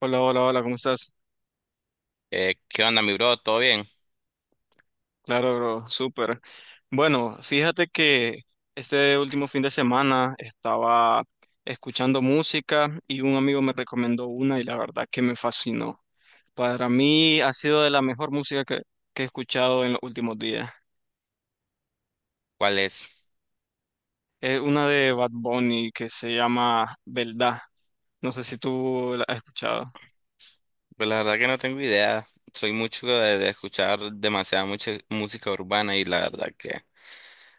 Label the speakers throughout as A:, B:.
A: Hola, hola, hola, ¿cómo estás?
B: ¿Qué onda, mi bro? ¿Todo bien?
A: Claro, bro, súper. Bueno, fíjate que este último fin de semana estaba escuchando música y un amigo me recomendó una y la verdad que me fascinó. Para mí ha sido de la mejor música que he escuchado en los últimos días.
B: ¿Cuál es?
A: Es una de Bad Bunny que se llama Verdad. No sé si tú la has escuchado.
B: Pues la verdad que no tengo idea. Soy mucho de escuchar demasiada mucha música urbana y la verdad que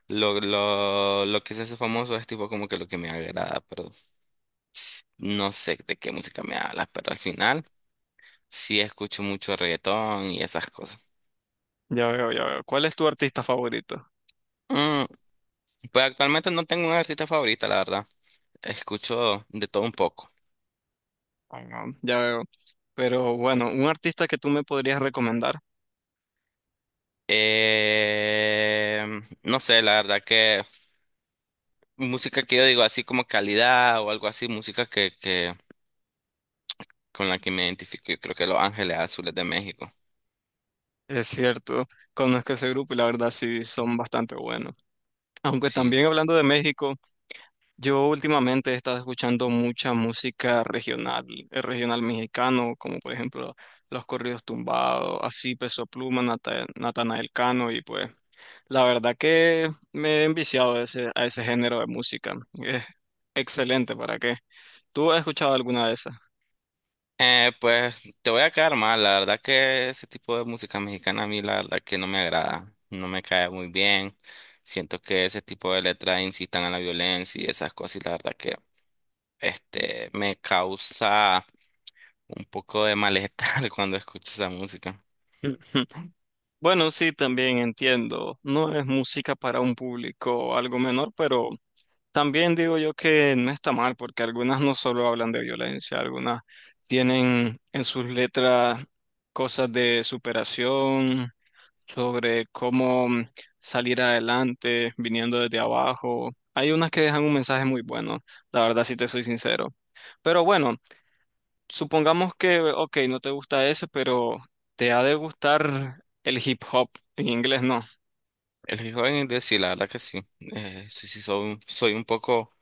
B: lo que se hace famoso es tipo como que lo que me agrada, pero no sé de qué música me hablas, pero al final sí escucho mucho reggaetón y esas cosas.
A: Ya veo, ya veo. ¿Cuál es tu artista favorito?
B: Mm, pues actualmente no tengo una artista favorita, la verdad. Escucho de todo un poco.
A: Ah, Ya veo. Pero bueno, un artista que tú me podrías recomendar.
B: Eh, no sé, la verdad que música que yo digo así como calidad o algo así, música que con la que me identifico, yo creo que Los Ángeles Azules de México.
A: Es cierto, conozco ese grupo y la verdad sí son bastante buenos. Aunque
B: Sí,
A: también
B: sí.
A: hablando de México, yo últimamente he estado escuchando mucha música regional, regional mexicano, como por ejemplo los corridos tumbados, así Peso Pluma, Natanael Cano y pues la verdad que me he enviciado a ese género de música. Es excelente, ¿para qué? ¿Tú has escuchado alguna de esas?
B: Pues te voy a quedar mal, la verdad que ese tipo de música mexicana a mí la verdad que no me agrada, no me cae muy bien. Siento que ese tipo de letras incitan a la violencia y esas cosas y la verdad que este me causa un poco de malestar cuando escucho esa música.
A: Bueno, sí, también entiendo. No es música para un público algo menor, pero también digo yo que no está mal, porque algunas no solo hablan de violencia, algunas tienen en sus letras cosas de superación, sobre cómo salir adelante viniendo desde abajo. Hay unas que dejan un mensaje muy bueno, la verdad, si te soy sincero. Pero bueno. Supongamos que, ok, no te gusta ese, pero te ha de gustar el hip hop. En inglés no.
B: El hip hop en inglés sí, la verdad que sí. Sí, sí, soy, soy un poco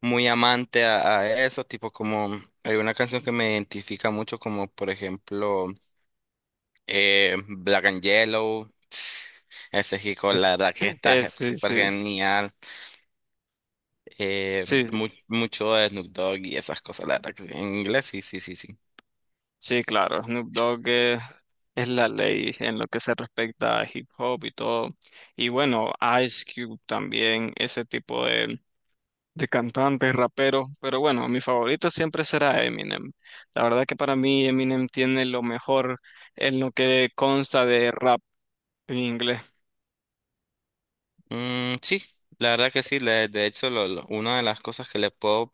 B: muy amante a eso, tipo como hay una canción que me identifica mucho como por ejemplo Black and Yellow. Ese chico, la verdad que está
A: Sí,
B: súper
A: sí, sí,
B: genial.
A: sí,
B: Mucho de Snoop Dogg y esas cosas, la verdad que sí en inglés, sí, sí, sí, sí.
A: sí, claro. Snoop Dogg, es la ley en lo que se respecta a hip hop y todo. Y bueno, Ice Cube también, ese tipo de cantantes, raperos. Pero bueno, mi favorito siempre será Eminem. La verdad que para mí Eminem tiene lo mejor en lo que consta de rap en inglés.
B: Sí, la verdad que sí. De hecho, una de las cosas que le puedo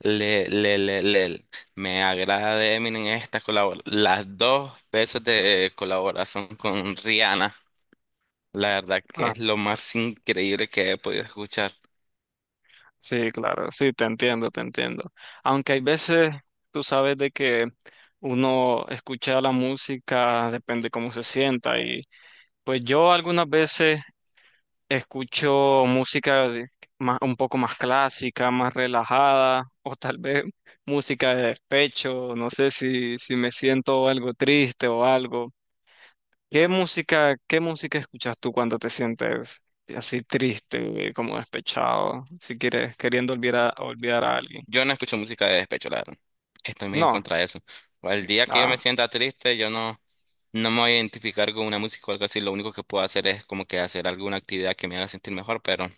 B: le, le, le, le- me agrada de Eminem es esta colabor las dos veces de colaboración con Rihanna. La verdad que
A: Ah,
B: es lo más increíble que he podido escuchar.
A: Sí, claro, sí, te entiendo, te entiendo. Aunque hay veces, tú sabes de que uno escucha la música, depende cómo se sienta. Y pues yo algunas veces escucho música más, un poco más clásica, más relajada, o tal vez música de despecho, no sé si me siento algo triste o algo. ¿Qué música escuchas tú cuando te sientes así triste, como despechado, si quieres, queriendo olvidar olvidar a alguien?
B: Yo no escucho música de despecho, la verdad. Estoy muy en
A: No.
B: contra de eso. O el día que yo me
A: Ah.
B: sienta triste, yo no, no me voy a identificar con una música o algo así. Lo único que puedo hacer es como que hacer alguna actividad que me haga sentir mejor, pero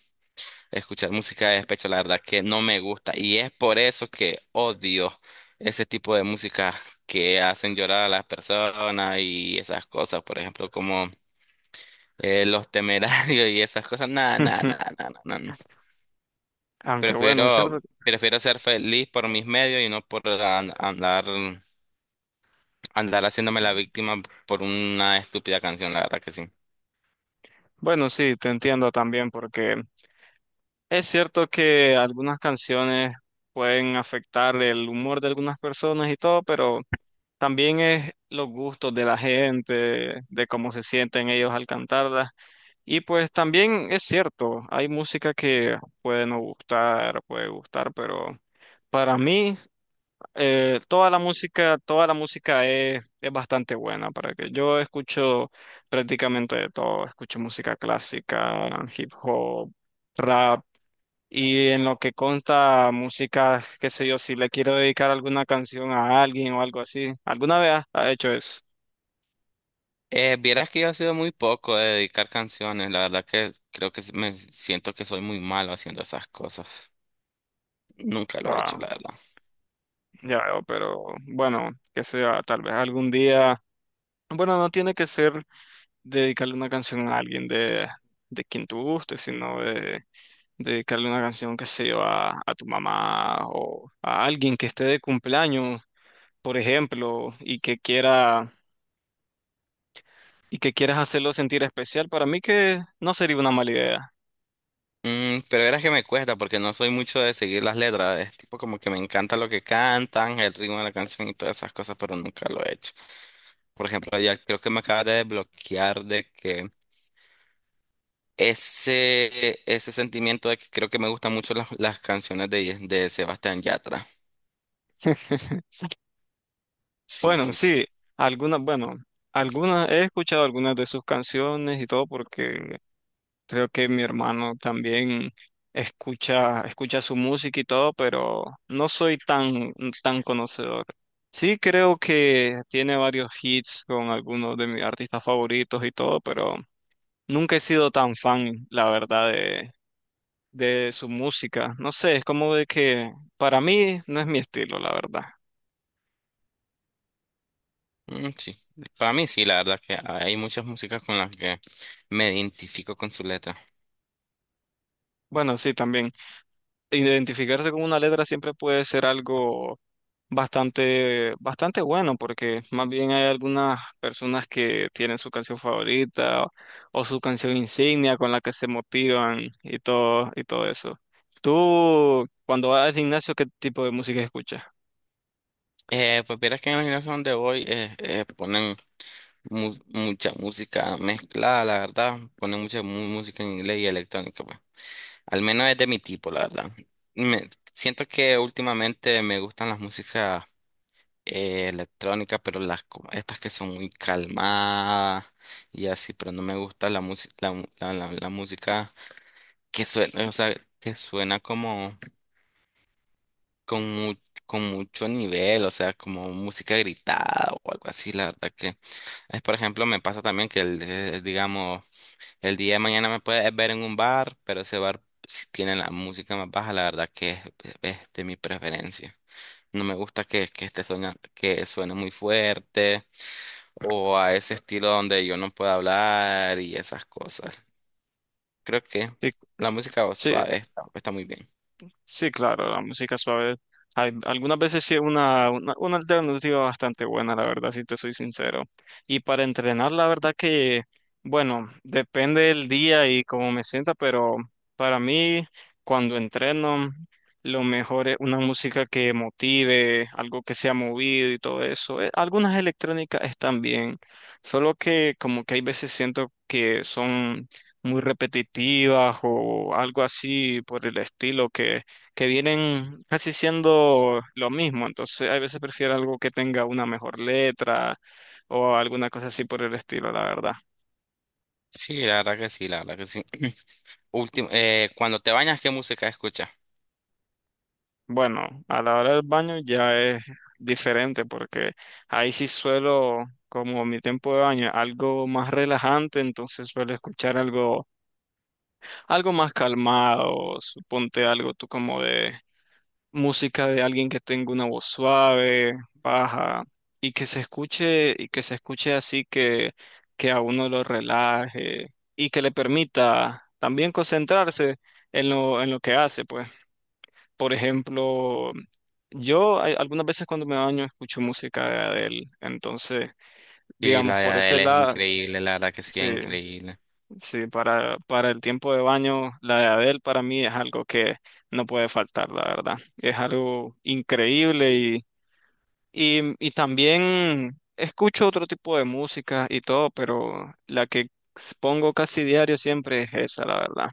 B: escuchar música de despecho, la verdad que no me gusta. Y es por eso que odio ese tipo de música que hacen llorar a las personas y esas cosas, por ejemplo, como Los Temerarios y esas cosas. Nada, nada, nada, nada.
A: Aunque bueno, es cierto.
B: Prefiero ser feliz por mis medios y no por andar, andar haciéndome la víctima por una estúpida canción, la verdad que sí.
A: Bueno, sí, te entiendo también porque es cierto que algunas canciones pueden afectar el humor de algunas personas y todo, pero también es los gustos de la gente, de cómo se sienten ellos al cantarlas. Y pues también es cierto, hay música que puede no gustar, puede gustar, pero para mí, toda la música es bastante buena para que yo escucho prácticamente de todo, escucho música clásica, hip hop, rap y en lo que consta música, qué sé yo, si le quiero dedicar alguna canción a alguien o algo así, ¿alguna vez ha hecho eso?
B: Vieras que yo he sido muy poco de dedicar canciones, la verdad que creo que me siento que soy muy malo haciendo esas cosas. Nunca lo he hecho,
A: Ah,
B: la verdad.
A: ya veo, pero bueno, que sea tal vez algún día. Bueno, no tiene que ser dedicarle una canción a alguien de quien tú guste, sino de, dedicarle una canción que se a tu mamá o a alguien que esté de cumpleaños, por ejemplo, y que quieras hacerlo sentir especial. Para mí que no sería una mala idea.
B: Pero verás que me cuesta porque no soy mucho de seguir las letras. Es tipo como que me encanta lo que cantan, el ritmo de la canción y todas esas cosas, pero nunca lo he hecho. Por ejemplo, ya creo que me acabas de desbloquear de que ese sentimiento de que creo que me gustan mucho las canciones de Sebastián Yatra. Sí,
A: Bueno,
B: sí, sí.
A: sí, algunas, bueno, algunas he escuchado algunas de sus canciones y todo porque creo que mi hermano también escucha su música y todo, pero no soy tan conocedor. Sí creo que tiene varios hits con algunos de mis artistas favoritos y todo, pero nunca he sido tan fan, la verdad, de su música. No sé, es como de que para mí no es mi estilo, la verdad.
B: Sí. Para mí sí, la verdad que hay muchas músicas con las que me identifico con su letra.
A: Bueno, sí, también. Identificarse con una letra siempre puede ser algo bastante bueno, porque más bien hay algunas personas que tienen su canción favorita o su canción insignia con la que se motivan y todo eso. Tú, cuando vas al gimnasio, ¿qué tipo de música escuchas?
B: Pues vieras que en la gimnasia donde voy ponen mucha música mezclada, la verdad. Ponen mucha música en inglés y electrónica, pues. Al menos es de mi tipo, la verdad. Me siento que últimamente me gustan las músicas electrónica, pero estas que son muy calmadas y así, pero no me gusta la música, la, mu- la- la- la música que suena, o sea, que suena como con mu con mucho nivel, o sea, como música gritada o algo así, la verdad que es, por ejemplo, me pasa también que el, digamos, el día de mañana me puedes ver en un bar, pero ese bar si tiene la música más baja, la verdad que es de mi preferencia. No me gusta que esté soñando, que suene muy fuerte o a ese estilo donde yo no puedo hablar y esas cosas. Creo que
A: Sí,
B: la música
A: sí,
B: suave está muy bien.
A: sí, claro, la música suave. Algunas veces sí es una alternativa bastante buena, la verdad, si te soy sincero. Y para entrenar, la verdad que, bueno, depende del día y cómo me sienta, pero para mí, cuando entreno, lo mejor es una música que motive, algo que sea movido y todo eso. Algunas electrónicas están bien, solo que como que hay veces siento que son muy repetitivas o algo así por el estilo que vienen casi siendo lo mismo. Entonces, a veces prefiero algo que tenga una mejor letra o alguna cosa así por el estilo, la verdad.
B: Sí, la verdad que sí, la verdad que sí. Último, cuando te bañas, ¿qué música escuchas?
A: Bueno, a la hora del baño ya es diferente porque ahí sí suelo, como mi tiempo de baño, algo más relajante, entonces suelo escuchar algo más calmado, suponte algo tú como de música de alguien que tenga una voz suave, baja, y que se escuche así que a uno lo relaje y que le permita también concentrarse en en lo que hace, pues. Por ejemplo, yo algunas veces cuando me baño escucho música de Adele, entonces,
B: Sí, la
A: digamos, por
B: de él
A: ese
B: es
A: lado,
B: increíble, la verdad que sí,
A: sí.
B: es increíble.
A: Sí, para el tiempo de baño, la de Adele para mí es algo que no puede faltar, la verdad. Es algo increíble y también escucho otro tipo de música y todo, pero la que pongo casi diario siempre es esa, la verdad.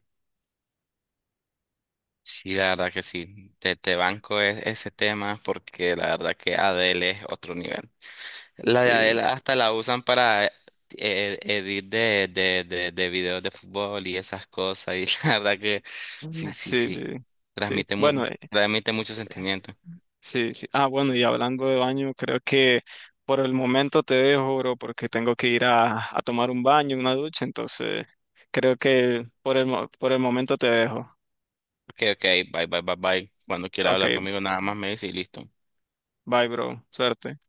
B: Sí, la verdad que sí. Te banco ese tema porque la verdad que Adele es otro nivel. La
A: Sí.
B: de Adele hasta la usan para edit de videos de fútbol y esas cosas. Y la verdad que
A: Mm.
B: sí, sí,
A: Sí,
B: sí.
A: sí, sí. Bueno,
B: Transmite mucho sentimiento.
A: sí, sí. Ah, bueno, y hablando de baño, creo que por el momento te dejo, bro, porque tengo que ir a tomar un baño, una ducha, entonces creo que por el, por el momento te dejo.
B: Ok, ok, bye, bye, bye, bye. Cuando quiera
A: Ok,
B: hablar conmigo, nada más me dice y listo.
A: bye, bro. Suerte.